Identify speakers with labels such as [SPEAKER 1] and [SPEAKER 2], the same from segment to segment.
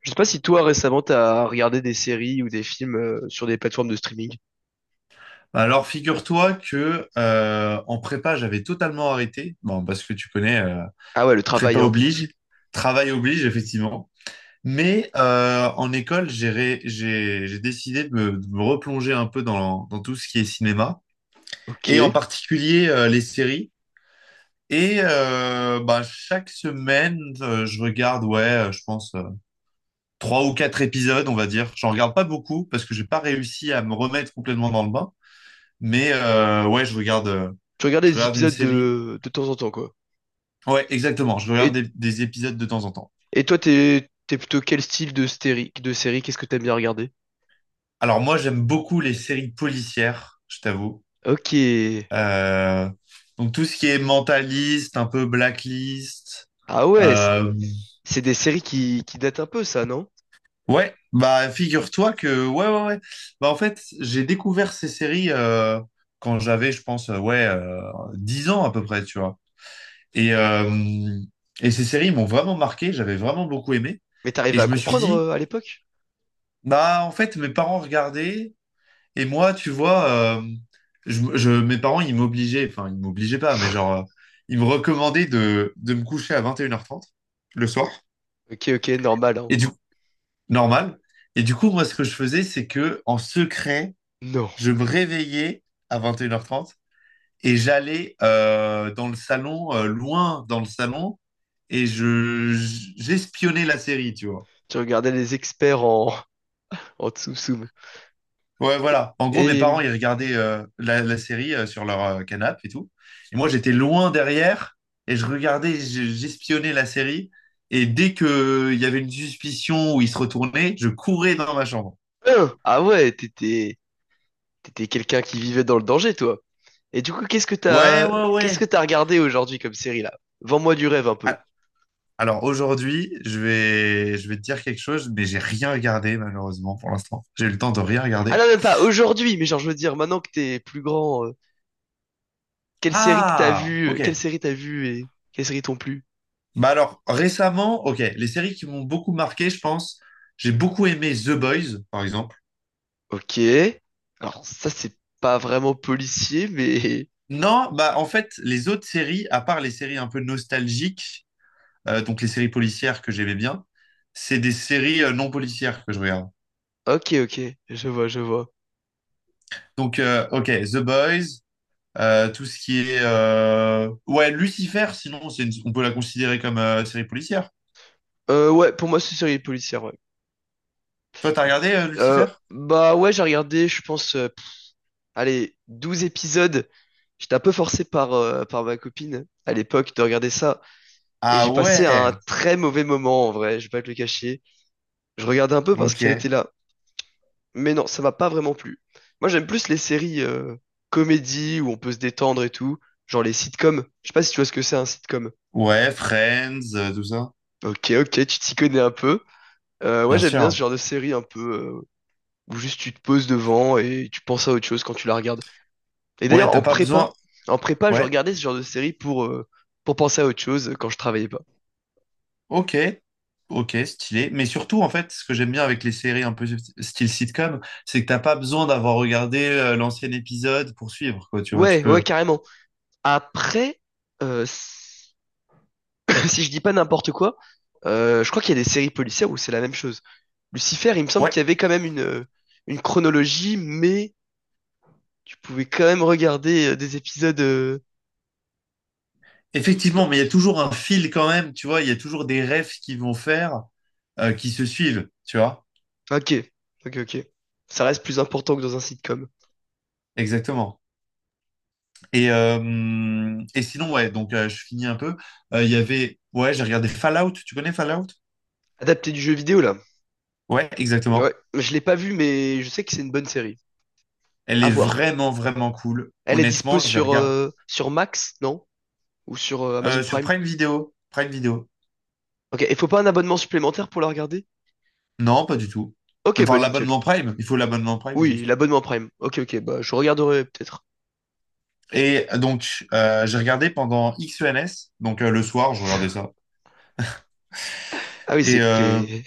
[SPEAKER 1] Je sais pas si toi récemment t'as regardé des séries ou des films sur des plateformes de streaming.
[SPEAKER 2] Alors, figure-toi que en prépa, j'avais totalement arrêté. Bon, parce que tu connais,
[SPEAKER 1] Ah ouais, le
[SPEAKER 2] prépa
[SPEAKER 1] travail, hein.
[SPEAKER 2] oblige, travail oblige, effectivement. Mais en école, j'ai ré- j'ai décidé de me replonger un peu dans tout ce qui est cinéma,
[SPEAKER 1] Ok.
[SPEAKER 2] et en
[SPEAKER 1] Tu
[SPEAKER 2] particulier les séries. Et bah, chaque semaine, je regarde, ouais, je pense trois ou quatre épisodes, on va dire. J'en regarde pas beaucoup parce que j'ai pas réussi à me remettre complètement dans le bain. Mais ouais,
[SPEAKER 1] regardais
[SPEAKER 2] je
[SPEAKER 1] des
[SPEAKER 2] regarde une
[SPEAKER 1] épisodes
[SPEAKER 2] série.
[SPEAKER 1] de temps en temps, quoi.
[SPEAKER 2] Ouais, exactement. Je regarde des,
[SPEAKER 1] Et,
[SPEAKER 2] des épisodes de temps en temps.
[SPEAKER 1] et toi, t'es plutôt quel style de série? Qu'est-ce que t'aimes bien regarder?
[SPEAKER 2] Alors moi, j'aime beaucoup les séries policières, je t'avoue.
[SPEAKER 1] Ok.
[SPEAKER 2] Euh, donc tout ce qui est mentaliste, un peu blacklist.
[SPEAKER 1] Ah ouais,
[SPEAKER 2] Euh,
[SPEAKER 1] c'est des séries qui datent un peu, ça, non?
[SPEAKER 2] ouais, bah figure-toi que ouais, ouais, ouais. Bah en fait, j'ai découvert ces séries quand j'avais, je pense, ouais, 10 ans à peu près, tu vois. Et euh, et ces séries m'ont vraiment marqué. J'avais vraiment beaucoup aimé.
[SPEAKER 1] Mais
[SPEAKER 2] Et
[SPEAKER 1] t'arrivais
[SPEAKER 2] je
[SPEAKER 1] à
[SPEAKER 2] me suis
[SPEAKER 1] comprendre
[SPEAKER 2] dit,
[SPEAKER 1] à l'époque?
[SPEAKER 2] bah, en fait, mes parents regardaient, et moi, tu vois, mes parents, ils m'obligeaient, enfin, ils m'obligeaient pas, mais genre, ils me recommandaient de me coucher à 21h30 le soir,
[SPEAKER 1] Ok, ok, normal, hein.
[SPEAKER 2] et du coup, normal. Et du coup, moi, ce que je faisais, c'est que, en secret,
[SPEAKER 1] Non.
[SPEAKER 2] je me réveillais à 21h30 et j'allais dans le salon, loin dans le salon, et j'espionnais la série, tu vois.
[SPEAKER 1] Tu regardais les experts en tsum-tsum.
[SPEAKER 2] Ouais, voilà. En gros, mes
[SPEAKER 1] Et,
[SPEAKER 2] parents, ils regardaient la série sur leur canapé et tout. Et moi, j'étais loin derrière et je regardais, j'espionnais la série. Et dès que il y avait une suspicion où ils se retournaient, je courais dans ma chambre.
[SPEAKER 1] hein, ah ouais, t'étais quelqu'un qui vivait dans le danger, toi. Et du coup,
[SPEAKER 2] Ouais, ouais,
[SPEAKER 1] qu'est-ce que
[SPEAKER 2] ouais.
[SPEAKER 1] t'as regardé aujourd'hui comme série là? Vends-moi du rêve un peu.
[SPEAKER 2] Ah. Alors aujourd'hui, je vais te dire quelque chose, mais j'ai rien regardé malheureusement pour l'instant. J'ai eu le temps de rien
[SPEAKER 1] Ah
[SPEAKER 2] regarder.
[SPEAKER 1] non, même pas aujourd'hui, mais genre je veux dire maintenant que t'es plus grand,
[SPEAKER 2] Ah, ok.
[SPEAKER 1] quelle série t'as vue et quelles séries t'ont plu?
[SPEAKER 2] Bah alors récemment, ok, les séries qui m'ont beaucoup marqué, je pense, j'ai beaucoup aimé The Boys, par exemple.
[SPEAKER 1] Ok. Alors ça c'est pas vraiment policier, mais
[SPEAKER 2] Non, bah en fait, les autres séries, à part les séries un peu nostalgiques, donc les séries policières que j'aimais bien, c'est des séries non policières que je regarde.
[SPEAKER 1] ok, ok, je vois, je vois.
[SPEAKER 2] Donc, ok, The Boys, tout ce qui est ouais, Lucifer, sinon, on peut la considérer comme série policière.
[SPEAKER 1] Ouais, pour moi c'est une série policière. Ouais.
[SPEAKER 2] Toi, t'as regardé Lucifer?
[SPEAKER 1] Bah ouais, j'ai regardé, je pense, allez, 12 épisodes. J'étais un peu forcé par ma copine à l'époque de regarder ça. Et
[SPEAKER 2] Ah
[SPEAKER 1] j'ai passé un
[SPEAKER 2] ouais,
[SPEAKER 1] très mauvais moment en vrai, je vais pas te le cacher. Je regardais un peu parce qu'elle
[SPEAKER 2] ok.
[SPEAKER 1] était là. Mais non, ça m'a pas vraiment plu. Moi, j'aime plus les séries comédies où on peut se détendre et tout, genre les sitcoms. Je sais pas si tu vois ce que c'est un sitcom.
[SPEAKER 2] Ouais, Friends, tout ça.
[SPEAKER 1] Ok, ok, tu t'y connais un peu. Ouais,
[SPEAKER 2] Bien
[SPEAKER 1] j'aime bien ce
[SPEAKER 2] sûr.
[SPEAKER 1] genre de série un peu où juste tu te poses devant et tu penses à autre chose quand tu la regardes. Et
[SPEAKER 2] Ouais,
[SPEAKER 1] d'ailleurs,
[SPEAKER 2] t'as pas besoin.
[SPEAKER 1] en prépa, je
[SPEAKER 2] Ouais.
[SPEAKER 1] regardais ce genre de série pour penser à autre chose quand je travaillais pas.
[SPEAKER 2] Ok, ok, stylé. Mais surtout, en fait, ce que j'aime bien avec les séries un peu style sitcom, c'est que t'as pas besoin d'avoir regardé l'ancien épisode pour suivre, quoi. Tu vois, tu
[SPEAKER 1] Ouais, ouais,
[SPEAKER 2] peux.
[SPEAKER 1] carrément. Après, euh, si je dis pas n'importe quoi, je crois qu'il y a des séries policières où c'est la même chose. Lucifer, il me semble
[SPEAKER 2] Ouais,
[SPEAKER 1] qu'il y avait quand même une chronologie, mais tu pouvais quand même regarder des épisodes. D-
[SPEAKER 2] effectivement, mais il y a toujours un fil quand même, tu vois. Il y a toujours des refs qui vont faire, qui se suivent, tu vois.
[SPEAKER 1] Ok, ok, ok. Ça reste plus important que dans un sitcom.
[SPEAKER 2] Exactement. Et sinon, ouais, donc je finis un peu. Il y avait, ouais, j'ai regardé Fallout. Tu connais Fallout?
[SPEAKER 1] Adapté du jeu vidéo, là.
[SPEAKER 2] Ouais, exactement.
[SPEAKER 1] Ouais, je l'ai pas vu, mais je sais que c'est une bonne série.
[SPEAKER 2] Elle
[SPEAKER 1] À
[SPEAKER 2] est
[SPEAKER 1] voir.
[SPEAKER 2] vraiment, vraiment cool.
[SPEAKER 1] Elle est dispo
[SPEAKER 2] Honnêtement, je la regarde
[SPEAKER 1] sur Max, non? Ou sur Amazon
[SPEAKER 2] sur
[SPEAKER 1] Prime?
[SPEAKER 2] Prime Video. Prime Video.
[SPEAKER 1] Ok, il faut pas un abonnement supplémentaire pour la regarder?
[SPEAKER 2] Non, pas du tout.
[SPEAKER 1] Ok, bah
[SPEAKER 2] Enfin,
[SPEAKER 1] nickel.
[SPEAKER 2] l'abonnement Prime, il faut l'abonnement Prime
[SPEAKER 1] Oui,
[SPEAKER 2] juste.
[SPEAKER 1] l'abonnement Prime. Ok, ok, bah je regarderai peut-être.
[SPEAKER 2] Et donc, j'ai regardé pendant XENS, donc le soir, je regardais ça.
[SPEAKER 1] Ah oui, c'est
[SPEAKER 2] Et
[SPEAKER 1] que
[SPEAKER 2] euh,
[SPEAKER 1] t'es...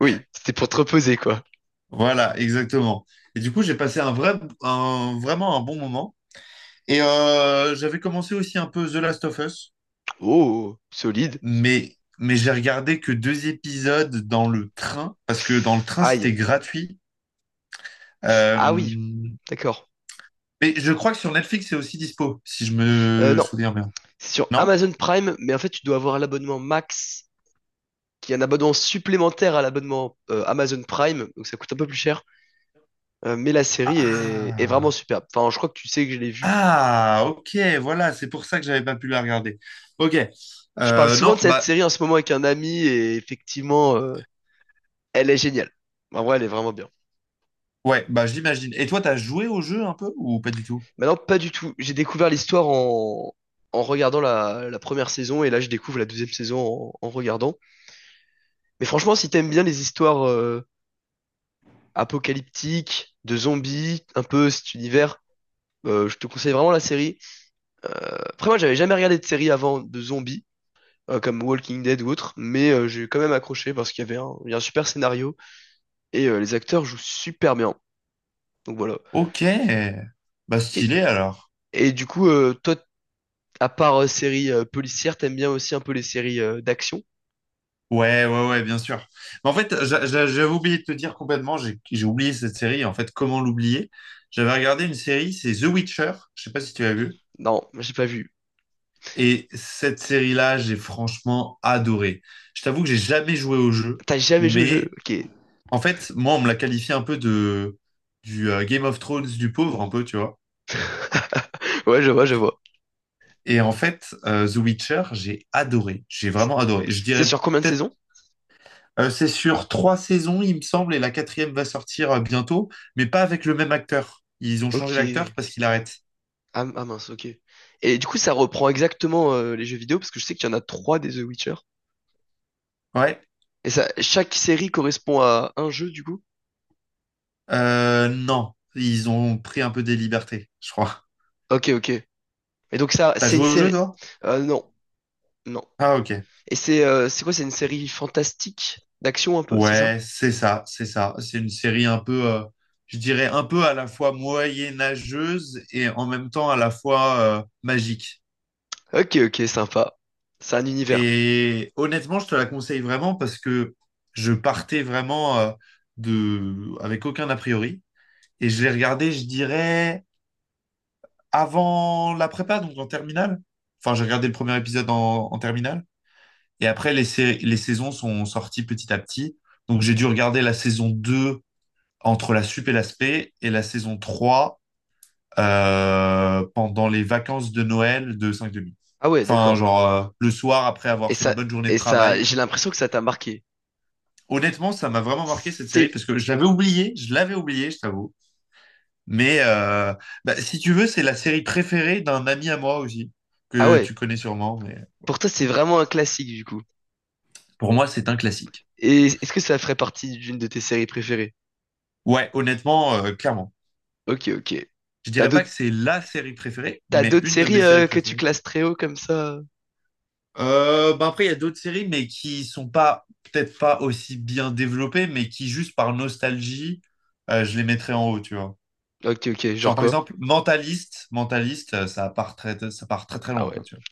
[SPEAKER 1] Oui, c'était pour te reposer, quoi.
[SPEAKER 2] voilà, exactement. Et du coup, j'ai passé un vrai, vraiment un bon moment. Et j'avais commencé aussi un peu The Last of Us,
[SPEAKER 1] Oh, oh, oh, solide.
[SPEAKER 2] mais j'ai regardé que deux épisodes dans le train, parce que dans le train,
[SPEAKER 1] Aïe.
[SPEAKER 2] c'était gratuit. Euh,
[SPEAKER 1] Ah oui, d'accord.
[SPEAKER 2] mais je crois que sur Netflix, c'est aussi dispo, si je me
[SPEAKER 1] Non,
[SPEAKER 2] souviens bien.
[SPEAKER 1] c'est sur
[SPEAKER 2] Non?
[SPEAKER 1] Amazon Prime, mais en fait, tu dois avoir l'abonnement Max, qui est un abonnement supplémentaire à l'abonnement Amazon Prime, donc ça coûte un peu plus cher. Mais est vraiment
[SPEAKER 2] Ah!
[SPEAKER 1] superbe. Enfin, je crois que tu sais que je l'ai vue.
[SPEAKER 2] Ah, ok, voilà, c'est pour ça que j'avais pas pu la regarder. Ok.
[SPEAKER 1] Je parle souvent de
[SPEAKER 2] Non,
[SPEAKER 1] cette
[SPEAKER 2] bah
[SPEAKER 1] série en ce moment avec un ami, et effectivement, elle est géniale. En vrai, elle est vraiment bien.
[SPEAKER 2] ouais, bah je l'imagine. Et toi, t'as joué au jeu un peu ou pas du tout?
[SPEAKER 1] Bah non, pas du tout. J'ai découvert l'histoire en regardant la première saison et là je découvre la deuxième saison en regardant. Mais franchement, si t'aimes bien les histoires apocalyptiques, de zombies, un peu cet univers, je te conseille vraiment la série. Après moi, j'avais jamais regardé de série avant de zombies, comme Walking Dead ou autre, mais j'ai quand même accroché parce qu'il y avait un, il y a un super scénario et les acteurs jouent super bien. Donc voilà.
[SPEAKER 2] Ok. Bah
[SPEAKER 1] Et,
[SPEAKER 2] stylé alors.
[SPEAKER 1] et du coup, toi, à part séries policières, t'aimes bien aussi un peu les séries d'action?
[SPEAKER 2] Ouais, ouais, ouais, bien sûr. Mais en fait, j'avais oublié de te dire complètement, j'ai oublié cette série. En fait, comment l'oublier? J'avais regardé une série, c'est The Witcher. Je sais pas si tu l'as vu.
[SPEAKER 1] Non, j'ai pas vu.
[SPEAKER 2] Et cette série-là, j'ai franchement adoré. Je t'avoue que j'ai jamais joué au jeu,
[SPEAKER 1] T'as jamais joué au jeu?
[SPEAKER 2] mais
[SPEAKER 1] Ok.
[SPEAKER 2] en fait, moi, on me l'a qualifié un peu de du Game of Thrones du pauvre, un peu, tu vois.
[SPEAKER 1] Ouais, je vois, je vois.
[SPEAKER 2] Et en fait, The Witcher, j'ai adoré. J'ai vraiment adoré. Je
[SPEAKER 1] C'est
[SPEAKER 2] dirais
[SPEAKER 1] sur combien de
[SPEAKER 2] peut-être,
[SPEAKER 1] saisons?
[SPEAKER 2] c'est sur trois saisons, il me semble, et la quatrième va sortir bientôt, mais pas avec le même acteur. Ils ont changé
[SPEAKER 1] Ok.
[SPEAKER 2] l'acteur parce qu'il arrête.
[SPEAKER 1] Ah, ah mince, ok. Et du coup, ça reprend exactement les jeux vidéo parce que je sais qu'il y en a trois des The Witcher.
[SPEAKER 2] Ouais.
[SPEAKER 1] Et ça, chaque série correspond à un jeu du coup?
[SPEAKER 2] Non, ils ont pris un peu des libertés, je crois.
[SPEAKER 1] Ok, ok. Et donc ça,
[SPEAKER 2] T'as
[SPEAKER 1] c'est une
[SPEAKER 2] joué au jeu,
[SPEAKER 1] série.
[SPEAKER 2] toi?
[SPEAKER 1] Euh, non, non.
[SPEAKER 2] Ah, ok.
[SPEAKER 1] Et c'est quoi? C'est une série fantastique d'action un peu, c'est ça?
[SPEAKER 2] Ouais, c'est ça, c'est ça. C'est une série un peu, je dirais, un peu à la fois moyenâgeuse et en même temps à la fois magique.
[SPEAKER 1] Ok, ok, sympa. C'est un univers.
[SPEAKER 2] Et honnêtement, je te la conseille vraiment parce que je partais vraiment avec aucun a priori. Et je l'ai regardé, je dirais, avant la prépa, donc en terminale. Enfin, j'ai regardé le premier épisode en terminale. Et après, les saisons sont sorties petit à petit. Donc, j'ai dû regarder la saison deux, entre la sup et l'aspect et la saison trois, pendant les vacances de Noël de cinq demi.
[SPEAKER 1] Ah ouais,
[SPEAKER 2] Enfin,
[SPEAKER 1] d'accord.
[SPEAKER 2] genre le soir après avoir
[SPEAKER 1] Et
[SPEAKER 2] fait une
[SPEAKER 1] ça,
[SPEAKER 2] bonne journée de
[SPEAKER 1] et ça,
[SPEAKER 2] travail.
[SPEAKER 1] j'ai l'impression que ça t'a marqué.
[SPEAKER 2] Honnêtement, ça m'a vraiment marqué cette série
[SPEAKER 1] C'est,
[SPEAKER 2] parce que je l'avais oublié, je l'avais oublié, je t'avoue. Mais bah, si tu veux, c'est la série préférée d'un ami à moi aussi,
[SPEAKER 1] ah
[SPEAKER 2] que tu
[SPEAKER 1] ouais.
[SPEAKER 2] connais sûrement. Mais
[SPEAKER 1] Pour toi, c'est vraiment un classique du coup.
[SPEAKER 2] pour moi, c'est un classique.
[SPEAKER 1] Et est-ce que ça ferait partie d'une de tes séries préférées?
[SPEAKER 2] Ouais, honnêtement, clairement.
[SPEAKER 1] Ok, ok.
[SPEAKER 2] Je
[SPEAKER 1] T'as
[SPEAKER 2] dirais pas que
[SPEAKER 1] d'autres,
[SPEAKER 2] c'est la série préférée,
[SPEAKER 1] t'as
[SPEAKER 2] mais
[SPEAKER 1] d'autres
[SPEAKER 2] une de
[SPEAKER 1] séries
[SPEAKER 2] mes séries
[SPEAKER 1] que tu
[SPEAKER 2] préférées.
[SPEAKER 1] classes très haut comme ça?
[SPEAKER 2] Bah après, il y a d'autres séries, mais qui sont pas, peut-être pas aussi bien développées, mais qui, juste par nostalgie, je les mettrais en haut, tu vois.
[SPEAKER 1] Ok, ok. Genre
[SPEAKER 2] Genre, par
[SPEAKER 1] quoi?
[SPEAKER 2] exemple, Mentaliste, Mentaliste, ça part très très
[SPEAKER 1] Ah
[SPEAKER 2] loin,
[SPEAKER 1] ouais.
[SPEAKER 2] quoi, tu vois.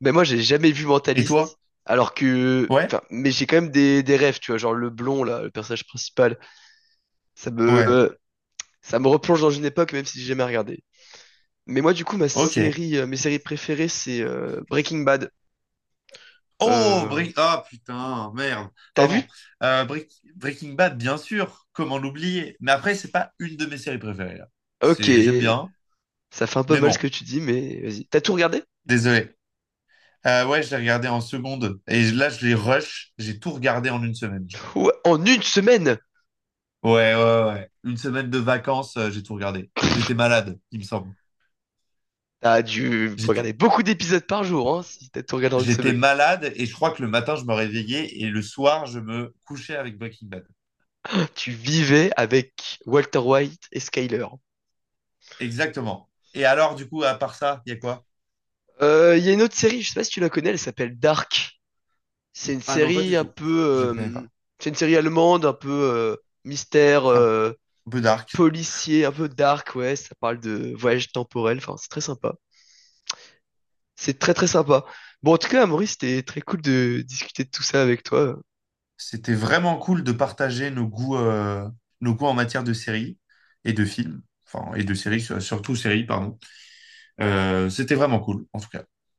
[SPEAKER 1] Mais moi, j'ai jamais vu
[SPEAKER 2] Et
[SPEAKER 1] Mentaliste.
[SPEAKER 2] toi?
[SPEAKER 1] Alors que,
[SPEAKER 2] Ouais?
[SPEAKER 1] enfin, mais j'ai quand même des rêves, tu vois, genre le blond là, le personnage principal. Ça me,
[SPEAKER 2] Ouais.
[SPEAKER 1] ça me replonge dans une époque, même si j'ai jamais regardé. Mais moi, du coup,
[SPEAKER 2] Ok.
[SPEAKER 1] mes séries préférées, c'est Breaking Bad.
[SPEAKER 2] Oh,
[SPEAKER 1] Euh,
[SPEAKER 2] Break... Ah, putain, merde.
[SPEAKER 1] t'as
[SPEAKER 2] Pardon.
[SPEAKER 1] vu?
[SPEAKER 2] Breaking Bad, bien sûr. Comment l'oublier? Mais après, c'est pas une de mes séries préférées, là.
[SPEAKER 1] Ok.
[SPEAKER 2] C'est... J'aime bien,
[SPEAKER 1] Ça fait un peu
[SPEAKER 2] mais
[SPEAKER 1] mal ce que
[SPEAKER 2] bon.
[SPEAKER 1] tu dis, mais vas-y. T'as tout regardé?
[SPEAKER 2] Désolé. Ouais, je l'ai regardé en seconde. Et là, je l'ai rush. J'ai tout regardé en une semaine, je crois.
[SPEAKER 1] Ouais, en une semaine,
[SPEAKER 2] Ouais, ouais, ouais. Une semaine de vacances, j'ai tout regardé. J'étais malade, il me semble.
[SPEAKER 1] t'as dû regarder
[SPEAKER 2] J'étais,
[SPEAKER 1] beaucoup d'épisodes par jour, hein, si t'as tout regardé en une
[SPEAKER 2] j'étais
[SPEAKER 1] semaine.
[SPEAKER 2] malade et je crois que le matin, je me réveillais et le soir, je me couchais avec Breaking Bad.
[SPEAKER 1] Tu vivais avec Walter White et Skyler.
[SPEAKER 2] Exactement. Et alors, du coup, à part ça, il y a quoi?
[SPEAKER 1] Il y a une autre série, je sais pas si tu la connais, elle s'appelle Dark. C'est une
[SPEAKER 2] Ah non, pas
[SPEAKER 1] série
[SPEAKER 2] du
[SPEAKER 1] un
[SPEAKER 2] tout.
[SPEAKER 1] peu,
[SPEAKER 2] Je ne connais
[SPEAKER 1] euh,
[SPEAKER 2] pas.
[SPEAKER 1] c'est une série allemande, un peu mystère,
[SPEAKER 2] Un peu dark.
[SPEAKER 1] policier, un peu dark, ouais. Ça parle de voyage temporel, enfin c'est très sympa. C'est très très sympa. Bon, en tout cas, Maurice, c'était très cool de discuter de tout ça avec toi.
[SPEAKER 2] C'était vraiment cool de partager nos goûts en matière de séries et de films. Enfin, et de séries, surtout séries, pardon. C'était vraiment cool, en tout cas.